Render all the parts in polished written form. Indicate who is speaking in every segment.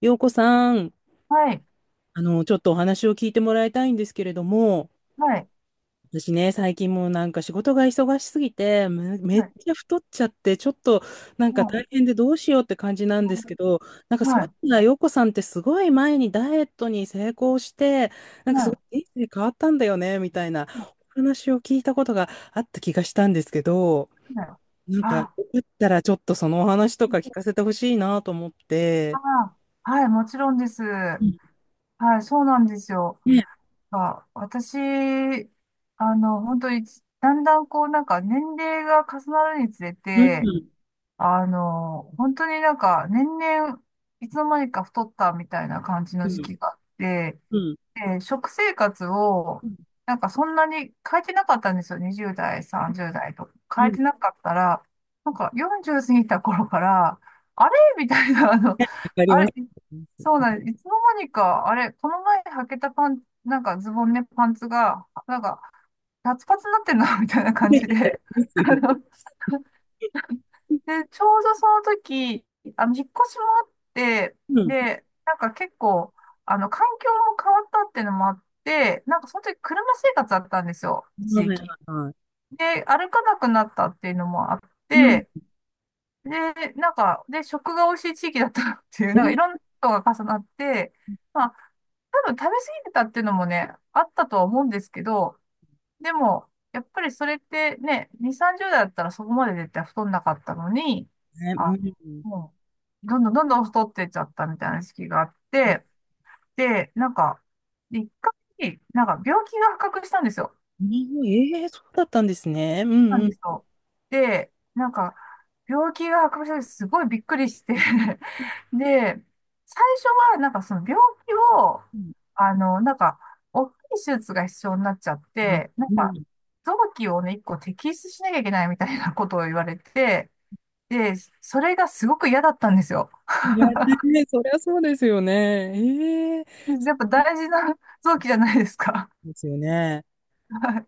Speaker 1: 洋子さん、
Speaker 2: はい、
Speaker 1: ちょっとお話を聞いてもらいたいんですけれども、
Speaker 2: はい、
Speaker 1: 私ね、最近もうなんか仕事が忙しすぎて、め
Speaker 2: は
Speaker 1: っ
Speaker 2: い、
Speaker 1: ちゃ太っちゃって、ちょっとなん
Speaker 2: う
Speaker 1: か
Speaker 2: ん
Speaker 1: 大変でどうしようって感じなんですけど、なんか
Speaker 2: うん、
Speaker 1: そ
Speaker 2: は
Speaker 1: うい
Speaker 2: い、
Speaker 1: うのは洋子さんってすごい前にダイエットに成功して、なん
Speaker 2: は
Speaker 1: かすご
Speaker 2: い、
Speaker 1: い人生変わったんだよね、みたいな
Speaker 2: は
Speaker 1: お話を聞いたことがあった気がしたんですけど、
Speaker 2: いはい、
Speaker 1: なんかよか
Speaker 2: あ、
Speaker 1: ったらちょっとそのお話とか聞かせてほしいなと思って。
Speaker 2: あ、はい、もちろんです。
Speaker 1: うん、
Speaker 2: はい、そうなんですよ。
Speaker 1: ね、
Speaker 2: あ、私、本当に、だんだんこう、なんか年齢が重なるにつれ
Speaker 1: う
Speaker 2: て、
Speaker 1: ん。
Speaker 2: 本当になんか年々、いつの間にか太ったみたいな感じ
Speaker 1: う
Speaker 2: の時
Speaker 1: ん。
Speaker 2: 期があって、
Speaker 1: うん。
Speaker 2: で、食生活を、なんかそんなに変えてなかったんですよ。20代、30代と。
Speaker 1: う
Speaker 2: 変え
Speaker 1: ん、わ
Speaker 2: てなかったら、なんか40過ぎた頃から、あれみたいな、
Speaker 1: か
Speaker 2: あ
Speaker 1: りま
Speaker 2: れ、
Speaker 1: す。
Speaker 2: そうなんです。いつの間にか、あれ、この前履けたパン、なんかズボンね、パンツが、なんか、パツパツになってんな、みたいな感じ
Speaker 1: で
Speaker 2: で、あ
Speaker 1: すよ。
Speaker 2: ので、ちょうどその時、引っ越しもあって、
Speaker 1: うん。
Speaker 2: で、なんか結構、環境も変わったっていうのもあって、なんかその時車生活だったんですよ、一
Speaker 1: は
Speaker 2: 時
Speaker 1: いはい
Speaker 2: 期。
Speaker 1: はい。
Speaker 2: で、歩かなくなったっていうのもあっ
Speaker 1: うん。
Speaker 2: て、で、なんか、で、食が美味しい地域だったっていう、
Speaker 1: で
Speaker 2: なんかい
Speaker 1: す
Speaker 2: ろんなことが重なって、まあ、多分食べ過ぎてたっていうのもね、あったとは思うんですけど、でも、やっぱりそれってね、2、30代だったらそこまで絶対太んなかったのに、
Speaker 1: ね、う
Speaker 2: あ、
Speaker 1: ん。
Speaker 2: もう、どんどんどんどん太ってっちゃったみたいな時期があって、で、なんか、一回、なんか病気が発覚したんですよ。
Speaker 1: うん、ええ、そうだったんですね。うん
Speaker 2: なん
Speaker 1: う
Speaker 2: で
Speaker 1: ん。
Speaker 2: すよ。で、なんか、病気が発覚した時すごいびっくりして で、最初はなんかその病気を、
Speaker 1: うん。
Speaker 2: なんか、大きい手術が必要になっちゃって、なん
Speaker 1: う
Speaker 2: か、
Speaker 1: ん。
Speaker 2: 臓器をね、一個摘出しなきゃいけないみたいな ことを言われて、で、それがすごく嫌だったんですよ。
Speaker 1: いや、ね、そりゃそうですよね。ええ、
Speaker 2: で
Speaker 1: そ
Speaker 2: やっぱ大事な 臓器じゃないですか。
Speaker 1: うですよね。
Speaker 2: は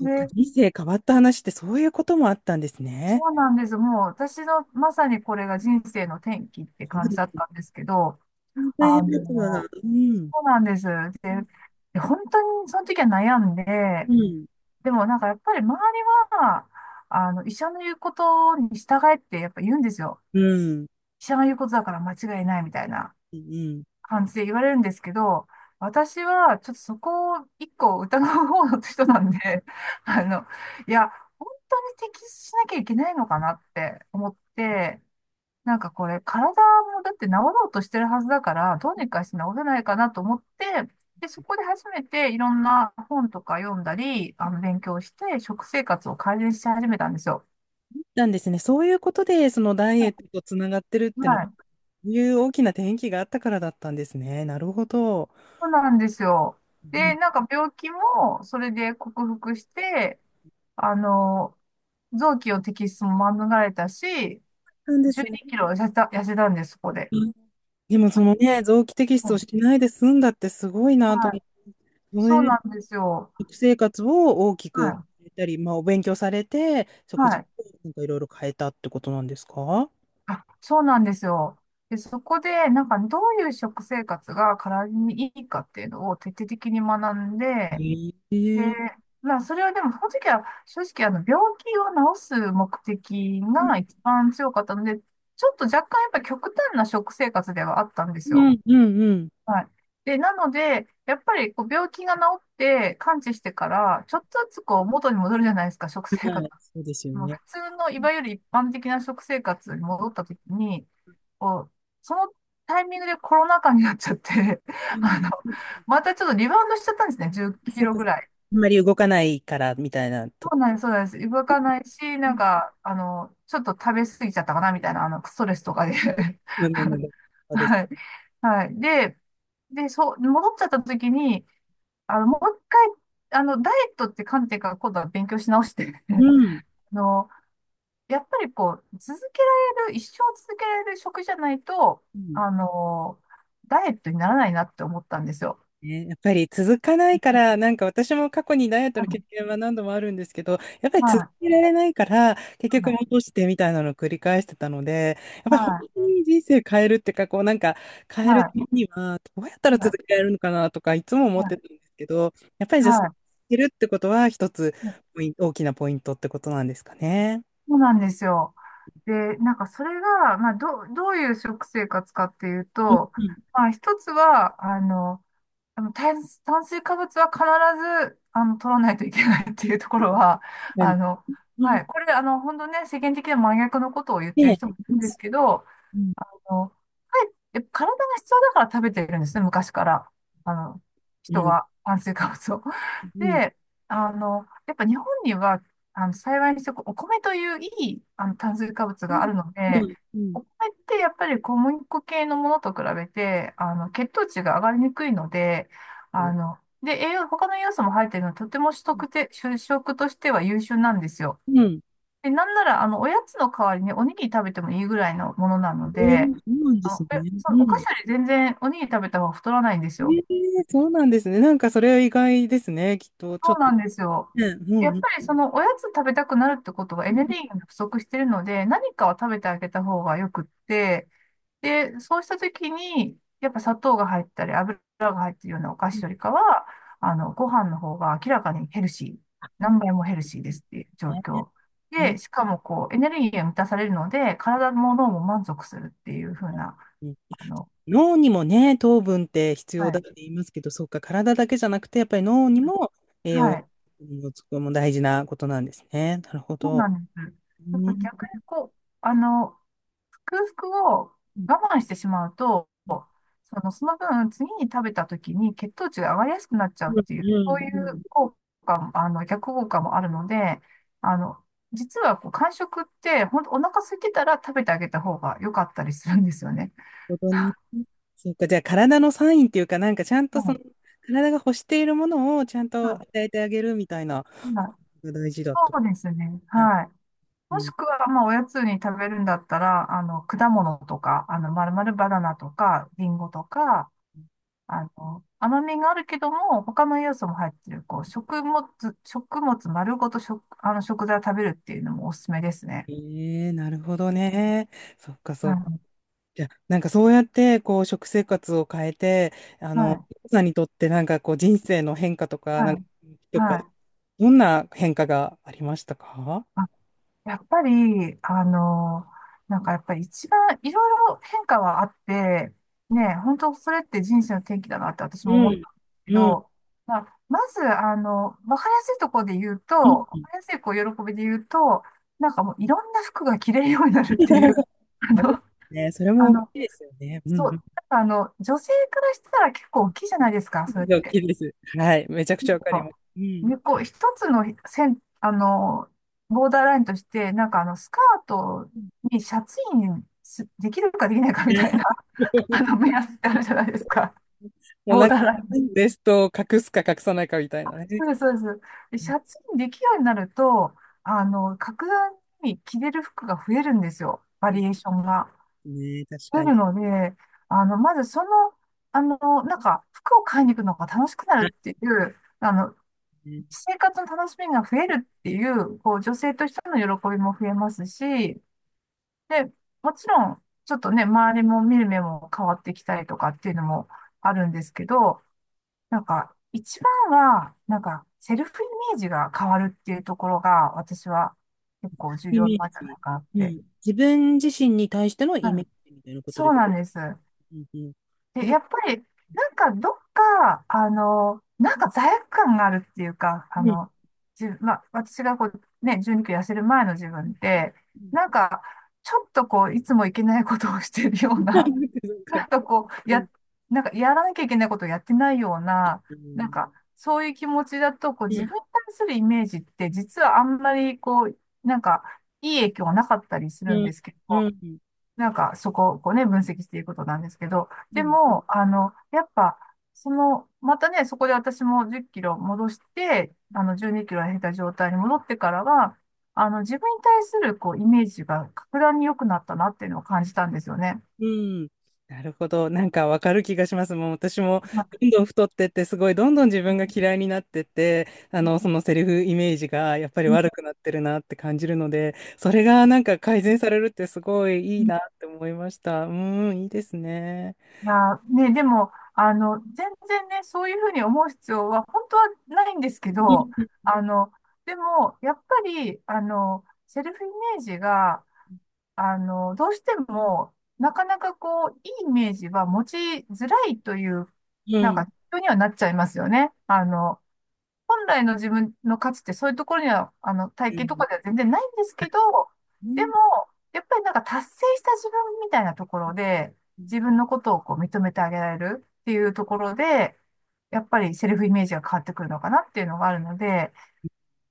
Speaker 2: い、
Speaker 1: っか、
Speaker 2: で、
Speaker 1: 人生変わった話ってそういうこともあったんです
Speaker 2: そ
Speaker 1: ね。
Speaker 2: うなんです。もう私のまさにこれが人生の転機って
Speaker 1: そう
Speaker 2: 感じ
Speaker 1: で
Speaker 2: だっ
Speaker 1: す。
Speaker 2: たんですけど、
Speaker 1: 大変
Speaker 2: あ
Speaker 1: ですわ。
Speaker 2: の、
Speaker 1: うん。
Speaker 2: そうなんです。
Speaker 1: うん。
Speaker 2: で、本当にその時は悩んで、
Speaker 1: うん。
Speaker 2: でもなんかやっぱり周りは、医者の言うことに従えってやっぱ言うんですよ。
Speaker 1: うん。
Speaker 2: 医者が言うことだから間違いないみたいな
Speaker 1: うん。
Speaker 2: 感じで言われるんですけど、私はちょっとそこを一個疑う方の人なんで、あの、いや、本当に適切しなきゃいけないのかなって思って、なんかこれ、体もだって治ろうとしてるはずだから、どうにかして治せないかなと思って、で、そこで初めていろんな本とか読んだり、勉強して、食生活を改善し始めたんですよ。
Speaker 1: なんですね。そういうことで、そのダイエットとつながってるっての
Speaker 2: は
Speaker 1: は
Speaker 2: い。
Speaker 1: そういう大きな転機があったからだったんですね。なるほど。
Speaker 2: そうなんですよ。
Speaker 1: う
Speaker 2: で、
Speaker 1: ん、
Speaker 2: なんか病気もそれで克服して、あの、臓器の摘出も免れたし、
Speaker 1: なんで
Speaker 2: 12
Speaker 1: すね。
Speaker 2: キロ痩せたんです、そこで。
Speaker 1: うん。でもそのね、臓器摘
Speaker 2: う
Speaker 1: 出をし
Speaker 2: ん、
Speaker 1: ないで済んだってすごいなと
Speaker 2: は
Speaker 1: 思
Speaker 2: い。
Speaker 1: って、そ
Speaker 2: そう
Speaker 1: れで
Speaker 2: なんですよ。
Speaker 1: 食生活を大き
Speaker 2: は
Speaker 1: く
Speaker 2: い。
Speaker 1: 変えたり、まあ、お勉強されて、食
Speaker 2: は
Speaker 1: 事
Speaker 2: い、
Speaker 1: をなんかいろいろ変えたってことなんですか？
Speaker 2: あ、そうなんですよ。で、そこで、なんか、どういう食生活が体にいいかっていうのを徹底的に学んで、で、
Speaker 1: ええ、
Speaker 2: まあ、それはでも、その時は、正直、病気を治す目的
Speaker 1: うん
Speaker 2: が一番強かったので、ちょっと若干、やっぱ極端な食生活ではあったんで
Speaker 1: う
Speaker 2: すよ。
Speaker 1: んうんうん。
Speaker 2: はい。で、なので、やっぱり、こう、病気が治って、完治してから、ちょっとずつ、こう、元に戻るじゃないですか、食生
Speaker 1: は
Speaker 2: 活。
Speaker 1: い、そうですよ
Speaker 2: もう普
Speaker 1: ね。
Speaker 2: 通の、いわゆる一般的な食生活に戻った時に、こう、そのタイミングでコロナ禍になっちゃって、
Speaker 1: う ん、
Speaker 2: あの、またちょっとリバウンドしちゃったんですね、10キ
Speaker 1: そう
Speaker 2: ロ
Speaker 1: か。
Speaker 2: ぐらい。
Speaker 1: あんまり動かないからみたいなと
Speaker 2: そう
Speaker 1: こ。
Speaker 2: なんです、そうなんです。動かないし、
Speaker 1: う
Speaker 2: なん
Speaker 1: ん
Speaker 2: か、ちょっと食べ過ぎちゃったかな、みたいな、ストレスとかで。
Speaker 1: うんうんうん、そうです。
Speaker 2: はい。はい。で、そう、戻っちゃった時に、もう一回、ダイエットって観点から今度は勉強し直して、
Speaker 1: うん。
Speaker 2: あの、やっぱりこう、続けられる、一生続けられる食じゃないと、
Speaker 1: うん。
Speaker 2: あの、ダイエットにならないなって思ったんですよ。
Speaker 1: ね、やっぱり続かないから、なんか私も過去にダイエット
Speaker 2: は
Speaker 1: の経
Speaker 2: い、
Speaker 1: 験は何度もあるんですけど、やっぱり
Speaker 2: は
Speaker 1: 続
Speaker 2: い、
Speaker 1: けられないから、結局
Speaker 2: はい、
Speaker 1: 戻してみたいなのを繰り返してたので、やっぱり本当に人生変えるっていうか、こうなんか変
Speaker 2: は
Speaker 1: えるた
Speaker 2: い、
Speaker 1: めには、どうやったら
Speaker 2: はい、
Speaker 1: 続けられるのかなとか、いつも思ってたん
Speaker 2: は
Speaker 1: ですけど、やっぱり
Speaker 2: い、
Speaker 1: じゃあ、続
Speaker 2: はい、
Speaker 1: けるってことは一つ、ポイン大きなポイントってことなんですかね。
Speaker 2: そうなんですよ。で、なんかそれが、まあ、どういう食生活かっていう
Speaker 1: うん
Speaker 2: と、
Speaker 1: うん。
Speaker 2: まあ、一つは、あの炭、炭水化物は必ず、取らないといけないっていうところは、
Speaker 1: なん
Speaker 2: あ
Speaker 1: か、
Speaker 2: の、
Speaker 1: う
Speaker 2: は
Speaker 1: ん、
Speaker 2: い。これ、本当ね、世間的な真逆のことを言ってる
Speaker 1: ね
Speaker 2: 人
Speaker 1: え、
Speaker 2: もいるんですけど、
Speaker 1: うん、
Speaker 2: はい、体が必要だから食べてるんですね、昔から。あの、人
Speaker 1: うん、
Speaker 2: は炭水化物を。
Speaker 1: うん、
Speaker 2: で、やっぱ日本には、幸いにしてこうお米といういい、炭水化物
Speaker 1: うん、
Speaker 2: があるので、
Speaker 1: うん、う
Speaker 2: お米ってやっぱり小麦粉系のものと比べて、血糖値が上がりにくいので、
Speaker 1: ん。
Speaker 2: で、栄養、他の栄養素も入っているので、とても主食としては優秀なんですよ。
Speaker 1: うん、
Speaker 2: で、なんなら、おやつの代わりにおにぎり食べてもいいぐらいのものなの
Speaker 1: ええ、そ
Speaker 2: で、
Speaker 1: うなんですね。
Speaker 2: そ
Speaker 1: う
Speaker 2: のお菓子
Speaker 1: ん。
Speaker 2: より全然おにぎり食べた方が太らないんです
Speaker 1: え
Speaker 2: よ。
Speaker 1: え、そうなんですね。なんかそれは意外ですね。きっと、ちょ
Speaker 2: そ
Speaker 1: っ
Speaker 2: う
Speaker 1: と。
Speaker 2: な
Speaker 1: ね、
Speaker 2: んですよ。
Speaker 1: う
Speaker 2: やっ
Speaker 1: ん、う
Speaker 2: ぱり
Speaker 1: ん。
Speaker 2: そのおやつ食べたくなるってことはエ
Speaker 1: う
Speaker 2: ネル
Speaker 1: ん
Speaker 2: ギーが不足してるので、何かを食べてあげた方がよくって、で、そうした時に、やっぱ砂糖が入ったり油が入ってるようなお菓
Speaker 1: う
Speaker 2: 子よりかは、ご飯の方が明らかにヘルシー、何倍もヘルシー
Speaker 1: ん、
Speaker 2: ですっていう状
Speaker 1: ね
Speaker 2: 況。
Speaker 1: え、
Speaker 2: で、しかもこう、エネルギーが満たされるので、体も脳も満足するっていう風な、あの、
Speaker 1: 脳にもね、糖分って必
Speaker 2: は
Speaker 1: 要だっ
Speaker 2: い。
Speaker 1: て言いますけど、そうか、体だけじゃなくて、やっぱり脳にも栄養
Speaker 2: はい。
Speaker 1: がつくのも大事なことなんですね。なるほ
Speaker 2: そう
Speaker 1: ど。
Speaker 2: なんです。
Speaker 1: う
Speaker 2: やっ
Speaker 1: ん、
Speaker 2: ぱ
Speaker 1: うん、
Speaker 2: 逆にこう、空腹を我慢してしまうと、その分、次に食べた時に血糖値が上がりやすくなっちゃう
Speaker 1: う
Speaker 2: ってい
Speaker 1: ん、
Speaker 2: う、
Speaker 1: う
Speaker 2: そういう
Speaker 1: ん、
Speaker 2: 効果も、逆効果もあるので、あの、実はこう、間食って、本当お腹空いてたら食べてあげた方が良かったりするんですよね。
Speaker 1: なるほどね。そうか、じゃあ体のサインっていうか、なんかちゃん
Speaker 2: う
Speaker 1: とそ
Speaker 2: ん
Speaker 1: の、体が欲しているものをちゃん
Speaker 2: う
Speaker 1: と与
Speaker 2: ん、
Speaker 1: えてあげるみたいな、が大事だと。
Speaker 2: そうですね。はい。
Speaker 1: う
Speaker 2: もし
Speaker 1: ん。
Speaker 2: くは、まあ、おやつに食べるんだったら、果物とか、まるまるバナナとか、リンゴとか、甘みがあるけども、他の要素も入ってる、こう、食物、食物丸ごと食、あの、食材を食べるっていうのもおすすめですね。
Speaker 1: ええ、なるほど
Speaker 2: うん、
Speaker 1: ね。そっかそっか。じゃあ、なんかそうやって、こう、食生活を変えて、あ
Speaker 2: は
Speaker 1: の、
Speaker 2: い、
Speaker 1: さんにとってなんかこう、人生の変化とか、
Speaker 2: は
Speaker 1: なんか、
Speaker 2: い、
Speaker 1: と
Speaker 2: は
Speaker 1: か、
Speaker 2: い、はい。
Speaker 1: どんな変化がありましたか？
Speaker 2: あ、やっぱり、なんかやっぱり一番いろいろ変化はあって、ね、本当それって人生の転機だなって私も
Speaker 1: う
Speaker 2: 思っ
Speaker 1: ん。
Speaker 2: たんですけ
Speaker 1: うん。
Speaker 2: ど、まあ、まず、わかりやすいところで言うと、
Speaker 1: う
Speaker 2: わか
Speaker 1: ん。
Speaker 2: りやすいこう喜びで言うと、なんかもういろんな服が着れるようになるっていう、あの、
Speaker 1: ね、それ
Speaker 2: あ
Speaker 1: も大き
Speaker 2: の、
Speaker 1: いですよね。う
Speaker 2: そ
Speaker 1: ん。
Speaker 2: う、なんか女性からしたら結構大きいじゃないですか、それっ
Speaker 1: 大
Speaker 2: て。
Speaker 1: きいです。はい。めちゃく
Speaker 2: う
Speaker 1: ち
Speaker 2: ん、
Speaker 1: ゃわかります。うん。
Speaker 2: で、こう、一つの線、ボーダーラインとして、なんかスカートにシャツインできるかできないかみたいな、目 安ってあるじゃないですか。
Speaker 1: もう
Speaker 2: ボ
Speaker 1: な
Speaker 2: ー
Speaker 1: んか、
Speaker 2: ダーライン。
Speaker 1: ベストを隠すか隠さないかみたいなね。
Speaker 2: そうです、そうです。
Speaker 1: う
Speaker 2: シャツインできるようになると、格段に着れる服が増えるんですよ。バリエー
Speaker 1: ん、
Speaker 2: ションが
Speaker 1: ね、確
Speaker 2: 出
Speaker 1: かに。
Speaker 2: るので、あの、まずその、あの、なんか、服を買いに行くのが楽しくなるっていう、
Speaker 1: あ、うん、
Speaker 2: 生活の楽しみが増えるっていう、こう、女性としての喜びも増えますし、で、もちろん、ちょっとね、周りも見る目も変わってきたりとかっていうのもあるんですけど、なんか、一番は、なんか、セルフイメージが変わるっていうところが、私は結構重
Speaker 1: イ
Speaker 2: 要
Speaker 1: メー
Speaker 2: なんじゃな
Speaker 1: ジ。
Speaker 2: いかなっ
Speaker 1: う
Speaker 2: て。
Speaker 1: ん。自分自身に対しての
Speaker 2: う
Speaker 1: イメー
Speaker 2: ん、
Speaker 1: ジみたいなこと
Speaker 2: そ
Speaker 1: で
Speaker 2: う
Speaker 1: す。
Speaker 2: なんです。
Speaker 1: うんうん。
Speaker 2: で、
Speaker 1: ど、
Speaker 2: やっぱり、なんかどっか、なんか罪悪感があるっていうか、あ
Speaker 1: うん。
Speaker 2: の、自まあ、私がこう、ね、12キロ痩せる前の自
Speaker 1: う
Speaker 2: 分
Speaker 1: ん。
Speaker 2: って、
Speaker 1: うん。
Speaker 2: なんか、ちょっとこう、いつもいけないことをしてるような、なんか こう、
Speaker 1: うん。
Speaker 2: や、なんかやらなきゃいけないことをやってないような、
Speaker 1: う
Speaker 2: なん
Speaker 1: ん。
Speaker 2: か、そういう気持ちだと、こう、
Speaker 1: う
Speaker 2: 自
Speaker 1: ん。
Speaker 2: 分に対するイメージって、実はあんまり、こう、なんか、いい影響はなかったりす
Speaker 1: う
Speaker 2: るん
Speaker 1: ん。
Speaker 2: ですけど、
Speaker 1: うん。
Speaker 2: なんかそこをこうね、分析していくことなんですけど、
Speaker 1: う
Speaker 2: で
Speaker 1: ん。
Speaker 2: も、やっぱ、その、またね、そこで私も10キロ戻して、あの、12キロ減った状態に戻ってからは、あの、自分に対するこう、イメージが格段に良くなったなっていうのを感じたんですよね。
Speaker 1: うん。なるほど。なんかわかる気がします。もう私も
Speaker 2: まあ
Speaker 1: どんどん太ってって、すごいどんどん自分が嫌いになってって、そのセリフイメージがやっぱり
Speaker 2: うん
Speaker 1: 悪くなってるなって感じるので、それがなんか改善されるってすごいいいなって思いました。うん、いいですね。
Speaker 2: いやね、でも、全然ね、そういうふうに思う必要は本当はないんですけ
Speaker 1: う
Speaker 2: ど、
Speaker 1: ん。
Speaker 2: あの、でも、やっぱり、セルフイメージが、どうしても、なかなかこう、いいイメージは持ちづらいという、
Speaker 1: う
Speaker 2: なん
Speaker 1: ん。
Speaker 2: か、人にはなっちゃいますよね。あの、本来の自分の価値ってそういうところには、体
Speaker 1: う
Speaker 2: 型と
Speaker 1: ん。
Speaker 2: かでは全然ないんですけど、
Speaker 1: う
Speaker 2: で
Speaker 1: ん。
Speaker 2: も、やっぱりなんか達成した自分みたいなところで、自分のことをこう認めてあげられるっていうところで、やっぱりセルフイメージが変わってくるのかなっていうのがあるので、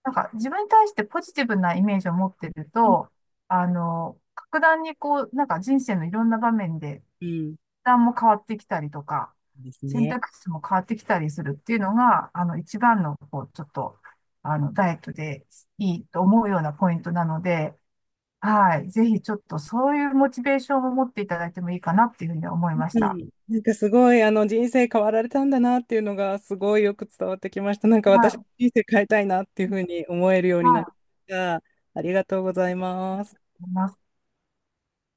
Speaker 2: なんか自分に対してポジティブなイメージを持ってる
Speaker 1: うん。
Speaker 2: と、格段にこう、なんか人生のいろんな場面で、
Speaker 1: うん、
Speaker 2: 負担も変わってきたりとか、
Speaker 1: です
Speaker 2: 選
Speaker 1: ね。
Speaker 2: 択肢も変わってきたりするっていうのが、あの、一番の、こう、ちょっと、あの、ダイエットでいいと思うようなポイントなので、はい。ぜひちょっとそういうモチベーションを持っていただいてもいいかなっていうふうに思いまし
Speaker 1: う
Speaker 2: た。
Speaker 1: ん、なんかすごいあの人生変わられたんだなっていうのがすごいよく伝わってきました。なんか私
Speaker 2: は
Speaker 1: 人生変えたいなっていう
Speaker 2: い。
Speaker 1: ふうに思えるようになり
Speaker 2: はい。
Speaker 1: ました。ありがとうございます。
Speaker 2: 思います